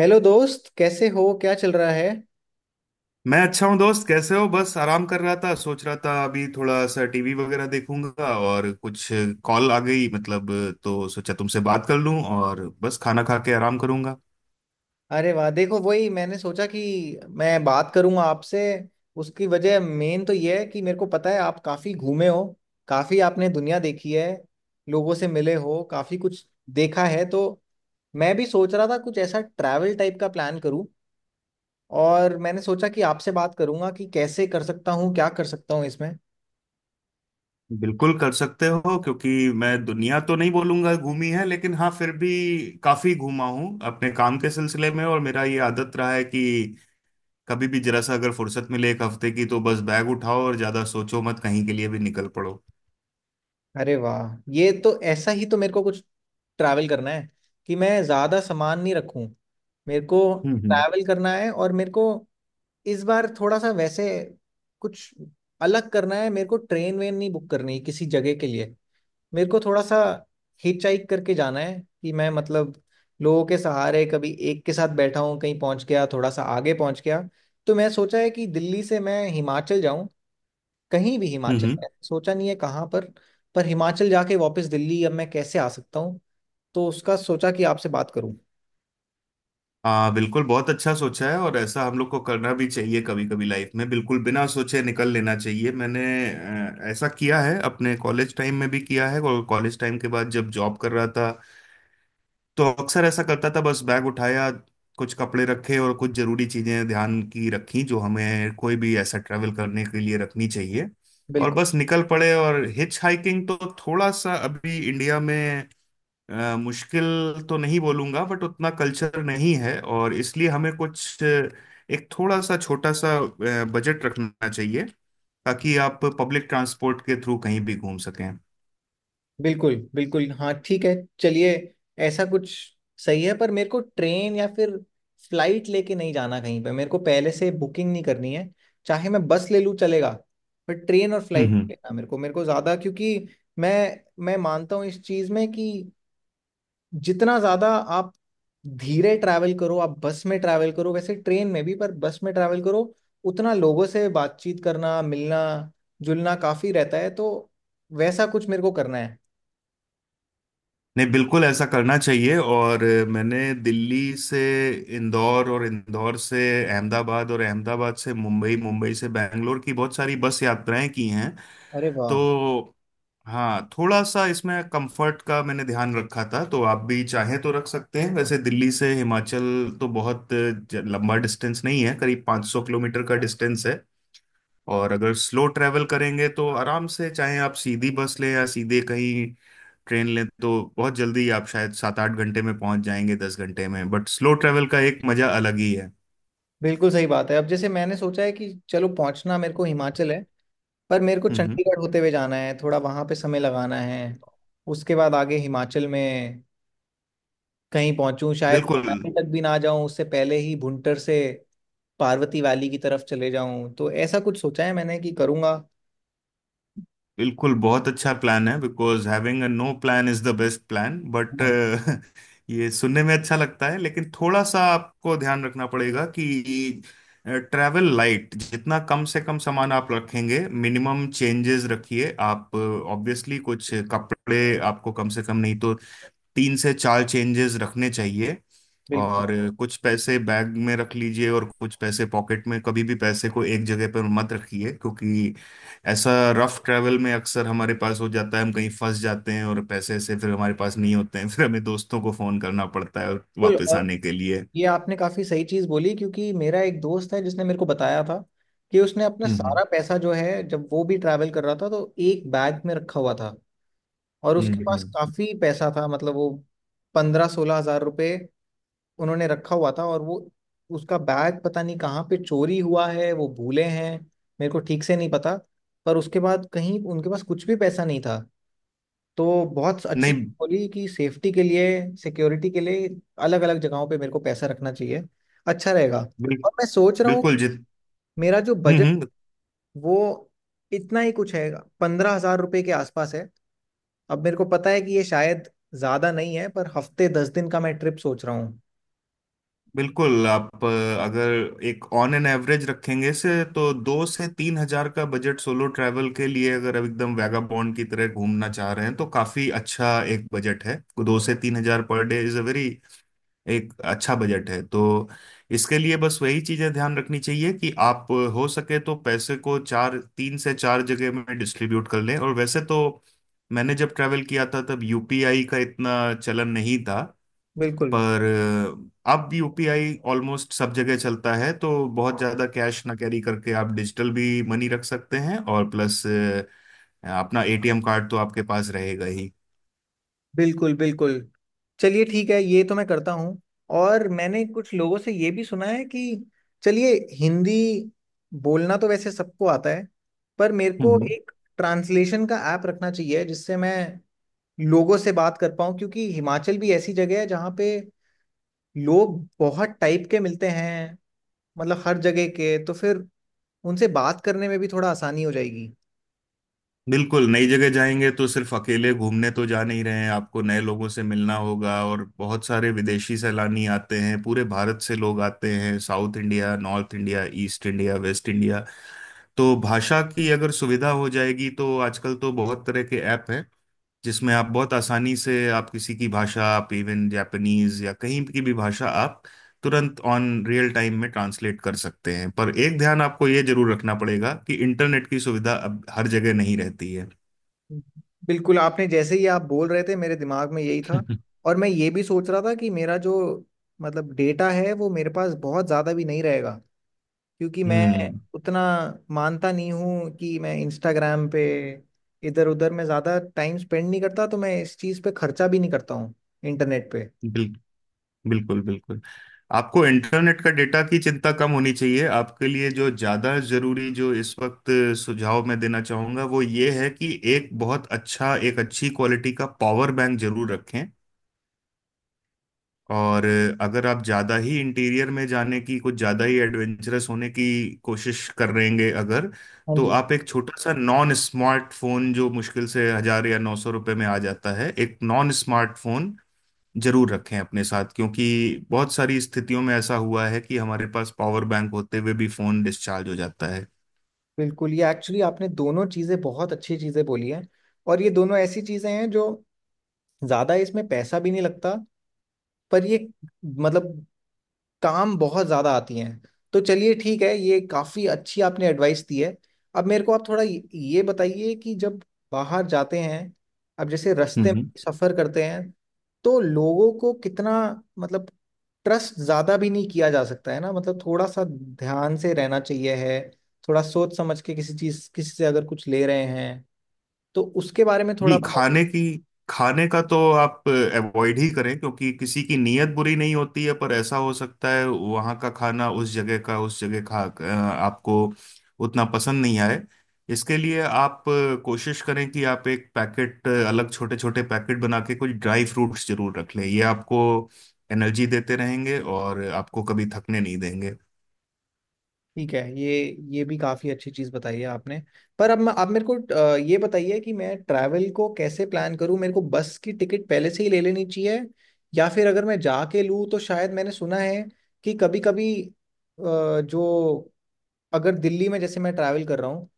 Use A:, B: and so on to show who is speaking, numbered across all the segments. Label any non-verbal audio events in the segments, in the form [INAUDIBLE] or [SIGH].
A: Hello दोस्त, कैसे हो? क्या चल रहा है?
B: मैं अच्छा हूँ दोस्त। कैसे हो? बस आराम कर रहा था, सोच रहा था अभी थोड़ा सा टीवी वगैरह देखूंगा और कुछ कॉल आ गई, मतलब तो सोचा तुमसे बात कर लूं और बस खाना खा के आराम करूंगा।
A: अरे वाह, देखो वही मैंने सोचा कि मैं बात करूंगा आपसे। उसकी वजह मेन तो ये है कि मेरे को पता है, आप काफी घूमे हो, काफी आपने दुनिया देखी है, लोगों से मिले हो, काफी कुछ देखा है। तो मैं भी सोच रहा था कुछ ऐसा ट्रैवल टाइप का प्लान करूं, और मैंने सोचा कि आपसे बात करूंगा कि कैसे कर सकता हूँ, क्या कर सकता हूँ इसमें।
B: बिल्कुल कर सकते हो, क्योंकि मैं दुनिया तो नहीं बोलूंगा घूमी है, लेकिन हाँ फिर भी काफी घूमा हूँ अपने काम के सिलसिले में। और मेरा ये आदत रहा है कि कभी भी जरा सा अगर फुर्सत मिले एक हफ्ते की तो बस बैग उठाओ और ज्यादा सोचो मत, कहीं के लिए भी निकल पड़ो।
A: अरे वाह, ये तो ऐसा ही। तो मेरे को कुछ ट्रैवल करना है कि मैं ज़्यादा सामान नहीं रखूं। मेरे को
B: हम्म हम्म
A: ट्रैवल करना है, और मेरे को इस बार थोड़ा सा वैसे कुछ अलग करना है। मेरे को ट्रेन वेन नहीं बुक करनी किसी जगह के लिए। मेरे को थोड़ा सा हिच हाइक करके जाना है कि मैं, मतलब लोगों के सहारे, कभी एक के साथ बैठा हूँ, कहीं पहुंच गया, थोड़ा सा आगे पहुंच गया। तो मैं सोचा है कि दिल्ली से मैं हिमाचल जाऊं, कहीं भी हिमाचल
B: हम्म।
A: में, सोचा नहीं है कहाँ पर। पर हिमाचल जाके वापस दिल्ली अब मैं कैसे आ सकता हूँ, तो उसका सोचा कि आपसे बात करूँ।
B: हाँ बिल्कुल, बहुत अच्छा सोचा है। और ऐसा हम लोग को करना भी चाहिए, कभी कभी लाइफ में बिल्कुल बिना सोचे निकल लेना चाहिए। मैंने ऐसा किया है, अपने कॉलेज टाइम में भी किया है और कॉलेज टाइम के बाद जब जॉब कर रहा था तो अक्सर ऐसा करता था। बस बैग उठाया, कुछ कपड़े रखे और कुछ जरूरी चीजें ध्यान की रखी, जो हमें कोई भी ऐसा ट्रैवल करने के लिए रखनी चाहिए। और
A: बिल्कुल
B: बस निकल पड़े। और हिच हाइकिंग तो थोड़ा सा अभी इंडिया में मुश्किल तो नहीं बोलूंगा, बट उतना कल्चर नहीं है, और इसलिए हमें कुछ एक थोड़ा सा छोटा सा बजट रखना चाहिए ताकि आप पब्लिक ट्रांसपोर्ट के थ्रू कहीं भी घूम सकें।
A: बिल्कुल बिल्कुल, हाँ ठीक है। चलिए, ऐसा कुछ सही है। पर मेरे को ट्रेन या फिर फ्लाइट लेके नहीं जाना। कहीं पे मेरे को पहले से बुकिंग नहीं करनी है। चाहे मैं बस ले लूँ, चलेगा। पर ट्रेन और
B: हम्म
A: फ्लाइट
B: हम्म।
A: लेना मेरे को ज़्यादा, क्योंकि मैं मैं मानता हूँ इस चीज़ में कि जितना ज्यादा आप धीरे ट्रैवल करो, आप बस में ट्रैवल करो, वैसे ट्रेन में भी, पर बस में ट्रैवल करो, उतना लोगों से बातचीत करना, मिलना जुलना काफी रहता है। तो वैसा कुछ मेरे को करना है।
B: नहीं बिल्कुल, ऐसा करना चाहिए। और मैंने दिल्ली से इंदौर और इंदौर से अहमदाबाद और अहमदाबाद से मुंबई, मुंबई से बैंगलोर की बहुत सारी बस यात्राएं की हैं।
A: अरे वाह।
B: तो हाँ, थोड़ा सा इसमें कंफर्ट का मैंने ध्यान रखा था, तो आप भी चाहें तो रख सकते हैं। वैसे दिल्ली से हिमाचल तो बहुत लंबा डिस्टेंस नहीं है, करीब 500 किलोमीटर का डिस्टेंस है। और अगर स्लो ट्रैवल करेंगे तो आराम से, चाहे आप सीधी बस लें या सीधे कहीं ट्रेन लें, तो बहुत जल्दी आप शायद 7-8 घंटे में पहुंच जाएंगे, 10 घंटे में। बट स्लो ट्रैवल का एक मजा अलग ही है।
A: बिल्कुल सही बात है। अब जैसे मैंने सोचा है कि चलो, पहुंचना मेरे को हिमाचल है, पर मेरे को
B: हम्म।
A: चंडीगढ़ होते हुए जाना है, थोड़ा वहां पे समय लगाना है। उसके बाद आगे हिमाचल में कहीं पहुंचूं, शायद
B: बिल्कुल
A: मनाली तक भी ना जाऊं, उससे पहले ही भुंटर से पार्वती वैली की तरफ चले जाऊं। तो ऐसा कुछ सोचा है मैंने कि करूंगा।
B: बिल्कुल, बहुत अच्छा प्लान है। Because having a no plan is the best plan, but
A: हाँ।
B: [LAUGHS] ये सुनने में अच्छा लगता है, लेकिन थोड़ा सा आपको ध्यान रखना पड़ेगा कि ट्रैवल लाइट, जितना कम से कम सामान आप रखेंगे, मिनिमम चेंजेस रखिए आप। ऑब्वियसली कुछ कपड़े आपको कम से कम, नहीं तो तीन से चार चेंजेस रखने चाहिए।
A: बिल्कुल
B: और कुछ पैसे बैग में रख लीजिए और कुछ पैसे पॉकेट में। कभी भी पैसे को एक जगह पर मत रखिए, क्योंकि ऐसा रफ ट्रैवल में अक्सर हमारे पास हो जाता है, हम कहीं फंस जाते हैं और पैसे से फिर हमारे पास नहीं होते हैं [LAUGHS] फिर हमें दोस्तों को फोन करना पड़ता है, और
A: बिल्कुल,
B: वापस
A: और
B: आने के लिए।
A: ये आपने काफी सही चीज बोली, क्योंकि मेरा एक दोस्त है जिसने मेरे को बताया था कि उसने अपना
B: हम्म हम्म
A: सारा पैसा जो है, जब वो भी ट्रैवल कर रहा था, तो एक बैग में रखा हुआ था। और उसके
B: हम्म
A: पास
B: हम्म।
A: काफी पैसा था, मतलब वो 15-16 हज़ार रुपए उन्होंने रखा हुआ था। और वो, उसका बैग पता नहीं कहाँ पे चोरी हुआ है, वो भूले हैं, मेरे को ठीक से नहीं पता। पर उसके बाद कहीं उनके पास कुछ भी पैसा नहीं था। तो बहुत अच्छी चीज़
B: नहीं,
A: बोली कि सेफ्टी के लिए, सिक्योरिटी के लिए अलग अलग जगहों पे मेरे को पैसा रखना चाहिए, अच्छा रहेगा।
B: बिल,
A: और मैं सोच रहा हूँ
B: बिल्कुल जित
A: मेरा जो
B: हम्म
A: बजट,
B: हम्म
A: वो इतना ही कुछ है, 15 हज़ार रुपये के आसपास है। अब मेरे को पता है कि ये शायद ज्यादा नहीं है, पर हफ्ते 10 दिन का मैं ट्रिप सोच रहा हूँ।
B: बिल्कुल आप अगर एक ऑन एन एवरेज रखेंगे, से तो 2 से 3 हज़ार का बजट सोलो ट्रैवल के लिए, अगर आप एकदम वैगाबॉन्ड की तरह घूमना चाह रहे हैं, तो काफी अच्छा एक बजट है। 2 से 3 हज़ार पर डे इज अ वेरी, एक अच्छा बजट है। तो इसके लिए बस वही चीजें ध्यान रखनी चाहिए कि आप हो सके तो पैसे को चार तीन से चार जगह में डिस्ट्रीब्यूट कर लें। और वैसे तो मैंने जब ट्रैवल किया था तब यूपीआई का इतना चलन नहीं था,
A: बिल्कुल
B: पर अब यूपीआई ऑलमोस्ट सब जगह चलता है। तो बहुत ज्यादा कैश ना कैरी करके आप डिजिटल भी मनी रख सकते हैं, और प्लस अपना एटीएम कार्ड तो आपके पास रहेगा ही।
A: बिल्कुल बिल्कुल। चलिए ठीक है, ये तो मैं करता हूँ। और मैंने कुछ लोगों से ये भी सुना है कि, चलिए, हिंदी बोलना तो वैसे सबको आता है, पर मेरे को
B: हम्म
A: एक ट्रांसलेशन का ऐप रखना चाहिए जिससे मैं लोगों से बात कर पाऊँ, क्योंकि हिमाचल भी ऐसी जगह है जहाँ पे लोग बहुत टाइप के मिलते हैं, मतलब हर जगह के। तो फिर उनसे बात करने में भी थोड़ा आसानी हो जाएगी।
B: बिल्कुल, नई जगह जाएंगे तो सिर्फ अकेले घूमने तो जा नहीं रहे हैं, आपको नए लोगों से मिलना होगा, और बहुत सारे विदेशी सैलानी आते हैं, पूरे भारत से लोग आते हैं, south India, north India, east India, west India. तो भाषा की अगर सुविधा हो जाएगी तो आजकल तो बहुत तरह के ऐप हैं, जिसमें आप बहुत आसानी से आप किसी की भाषा, आप इवन जापानीज या कहीं की भी भाषा आप तुरंत ऑन रियल टाइम में ट्रांसलेट कर सकते हैं। पर एक ध्यान आपको ये जरूर रखना पड़ेगा कि इंटरनेट की सुविधा अब हर जगह नहीं रहती है।
A: बिल्कुल, आपने जैसे ही आप बोल रहे थे, मेरे दिमाग में यही था।
B: [LAUGHS]
A: और मैं ये भी सोच रहा था कि मेरा जो, मतलब डेटा है, वो मेरे पास बहुत ज़्यादा भी नहीं रहेगा, क्योंकि मैं
B: हम्म
A: उतना मानता नहीं हूँ कि मैं इंस्टाग्राम पे इधर उधर में ज़्यादा टाइम स्पेंड नहीं करता। तो मैं इस चीज़ पे खर्चा भी नहीं करता हूँ इंटरनेट पे।
B: बिल, बिल्कुल बिल्कुल, आपको इंटरनेट का, डेटा की चिंता कम होनी चाहिए। आपके लिए जो ज्यादा जरूरी, जो इस वक्त सुझाव मैं देना चाहूंगा वो ये है कि एक बहुत अच्छा, एक अच्छी क्वालिटी का पावर बैंक जरूर रखें। और अगर आप ज़्यादा ही इंटीरियर में जाने की, कुछ ज़्यादा ही एडवेंचरस होने की कोशिश कर रहेंगे अगर,
A: हाँ
B: तो
A: जी,
B: आप एक छोटा सा नॉन स्मार्टफोन जो मुश्किल से 1000 या 900 रुपये में आ जाता है, एक नॉन स्मार्टफोन जरूर रखें अपने साथ। क्योंकि बहुत सारी स्थितियों में ऐसा हुआ है कि हमारे पास पावर बैंक होते हुए भी फ़ोन डिस्चार्ज हो जाता
A: बिल्कुल। ये एक्चुअली आपने दोनों चीज़ें बहुत अच्छी चीज़ें बोली हैं, और ये दोनों ऐसी चीज़ें हैं जो, ज़्यादा इसमें पैसा भी नहीं लगता, पर ये, मतलब काम बहुत ज्यादा आती हैं। तो चलिए ठीक है, ये काफी अच्छी आपने एडवाइस दी है। अब मेरे को आप थोड़ा ये बताइए कि जब बाहर जाते हैं, अब जैसे रास्ते में
B: है।
A: सफर करते हैं, तो लोगों को कितना, मतलब ट्रस्ट ज्यादा भी नहीं किया जा सकता है ना, मतलब थोड़ा सा ध्यान से रहना चाहिए है, थोड़ा सोच समझ के किसी चीज किसी से अगर कुछ ले रहे हैं, तो उसके बारे में
B: जी,
A: थोड़ा बताइए।
B: खाने का तो आप अवॉइड ही करें, क्योंकि किसी की नीयत बुरी नहीं होती है, पर ऐसा हो सकता है वहाँ का खाना, उस जगह का, उस जगह आपको उतना पसंद नहीं आए। इसके लिए आप कोशिश करें कि आप अलग छोटे छोटे पैकेट बना के कुछ ड्राई फ्रूट्स जरूर रख लें। ये आपको एनर्जी देते रहेंगे और आपको कभी थकने नहीं देंगे।
A: ठीक है, ये भी काफ़ी अच्छी चीज़ बताई है आपने। पर अब आप मेरे को ये बताइए कि मैं ट्रैवल को कैसे प्लान करूं। मेरे को बस की टिकट पहले से ही ले लेनी चाहिए, या फिर अगर मैं जाके लूँ? तो शायद मैंने सुना है कि कभी कभी जो, अगर दिल्ली में जैसे मैं ट्रैवल कर रहा हूँ,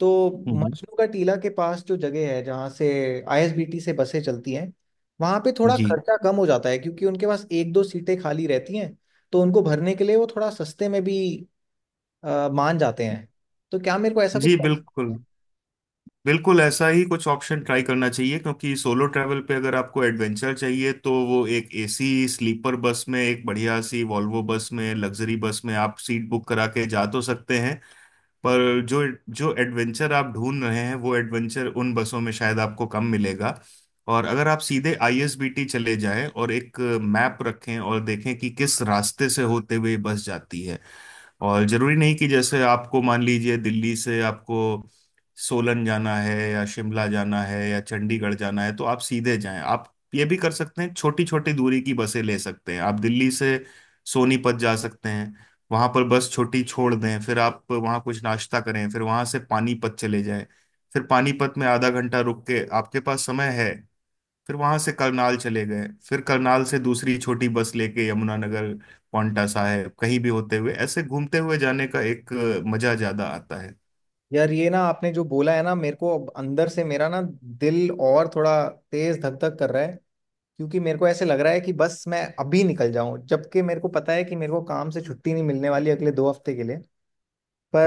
A: तो
B: हम्म,
A: मजनू का टीला के पास जो जगह है, जहाँ से आईएसबीटी से बसें चलती हैं, वहाँ पे थोड़ा
B: जी।
A: खर्चा कम हो जाता है, क्योंकि उनके पास एक दो सीटें खाली रहती हैं, तो उनको भरने के लिए वो थोड़ा सस्ते में भी मान जाते हैं। तो क्या मेरे को ऐसा कुछ
B: जी
A: करना
B: बिल्कुल,
A: है?
B: बिल्कुल ऐसा ही कुछ ऑप्शन ट्राई करना चाहिए, क्योंकि सोलो ट्रैवल पे अगर आपको एडवेंचर चाहिए तो वो एक एसी स्लीपर बस में, एक बढ़िया सी वॉल्वो बस में, लग्जरी बस में आप सीट बुक करा के जा तो सकते हैं। पर जो जो एडवेंचर आप ढूंढ रहे हैं वो एडवेंचर उन बसों में शायद आपको कम मिलेगा। और अगर आप सीधे आईएसबीटी चले जाएं और एक मैप रखें और देखें कि किस रास्ते से होते हुए बस जाती है। और जरूरी नहीं कि जैसे आपको मान लीजिए दिल्ली से आपको सोलन जाना है, या शिमला जाना है, या चंडीगढ़ जाना है तो आप सीधे जाएं। आप ये भी कर सकते हैं, छोटी छोटी दूरी की बसें ले सकते हैं। आप दिल्ली से सोनीपत जा सकते हैं, वहां पर बस छोटी छोड़ दें, फिर आप वहां कुछ नाश्ता करें, फिर वहां से पानीपत चले जाएं। फिर पानीपत में आधा घंटा रुक के, आपके पास समय है, फिर वहां से करनाल चले गए, फिर करनाल से दूसरी छोटी बस लेके यमुनानगर, पांवटा साहिब, कहीं भी होते हुए, ऐसे घूमते हुए जाने का एक मजा ज्यादा आता
A: यार, ये ना आपने जो बोला है ना, मेरे को अब अंदर से मेरा ना दिल और थोड़ा तेज धक धक कर रहा है, क्योंकि मेरे को ऐसे लग रहा है कि बस मैं अभी निकल जाऊं, जबकि मेरे को पता है कि मेरे को काम से छुट्टी नहीं मिलने वाली अगले 2 हफ्ते के लिए।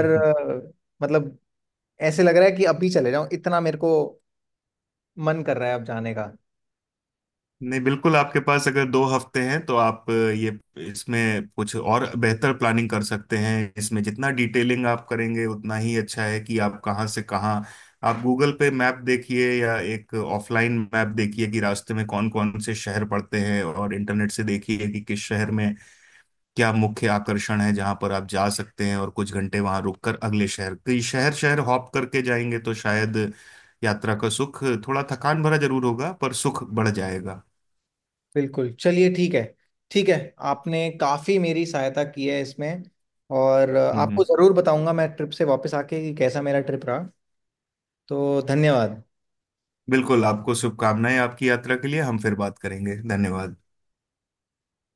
B: है। [LAUGHS]
A: मतलब ऐसे लग रहा है कि अभी चले जाऊं, इतना मेरे को मन कर रहा है अब जाने का।
B: नहीं बिल्कुल, आपके पास अगर 2 हफ्ते हैं तो आप अ, ये इसमें कुछ और बेहतर प्लानिंग कर सकते हैं। इसमें जितना डिटेलिंग आप करेंगे उतना ही अच्छा है, कि आप कहाँ से कहाँ। आप गूगल पे मैप देखिए या एक ऑफलाइन मैप देखिए कि रास्ते में कौन कौन से शहर पड़ते हैं, और इंटरनेट से देखिए कि किस शहर में क्या मुख्य आकर्षण है जहाँ पर आप जा सकते हैं। और कुछ घंटे वहाँ रुककर अगले शहर, कई शहर शहर हॉप करके जाएंगे तो शायद यात्रा का सुख थोड़ा थकान भरा जरूर होगा, पर सुख बढ़ जाएगा।
A: बिल्कुल, चलिए ठीक है, ठीक है। आपने काफ़ी मेरी सहायता की है इसमें, और
B: हम्म
A: आपको
B: हम्म।
A: ज़रूर बताऊंगा मैं ट्रिप से वापस आके कि कैसा मेरा ट्रिप रहा। तो धन्यवाद।
B: बिल्कुल, आपको शुभकामनाएं आपकी यात्रा के लिए। हम फिर बात करेंगे। धन्यवाद।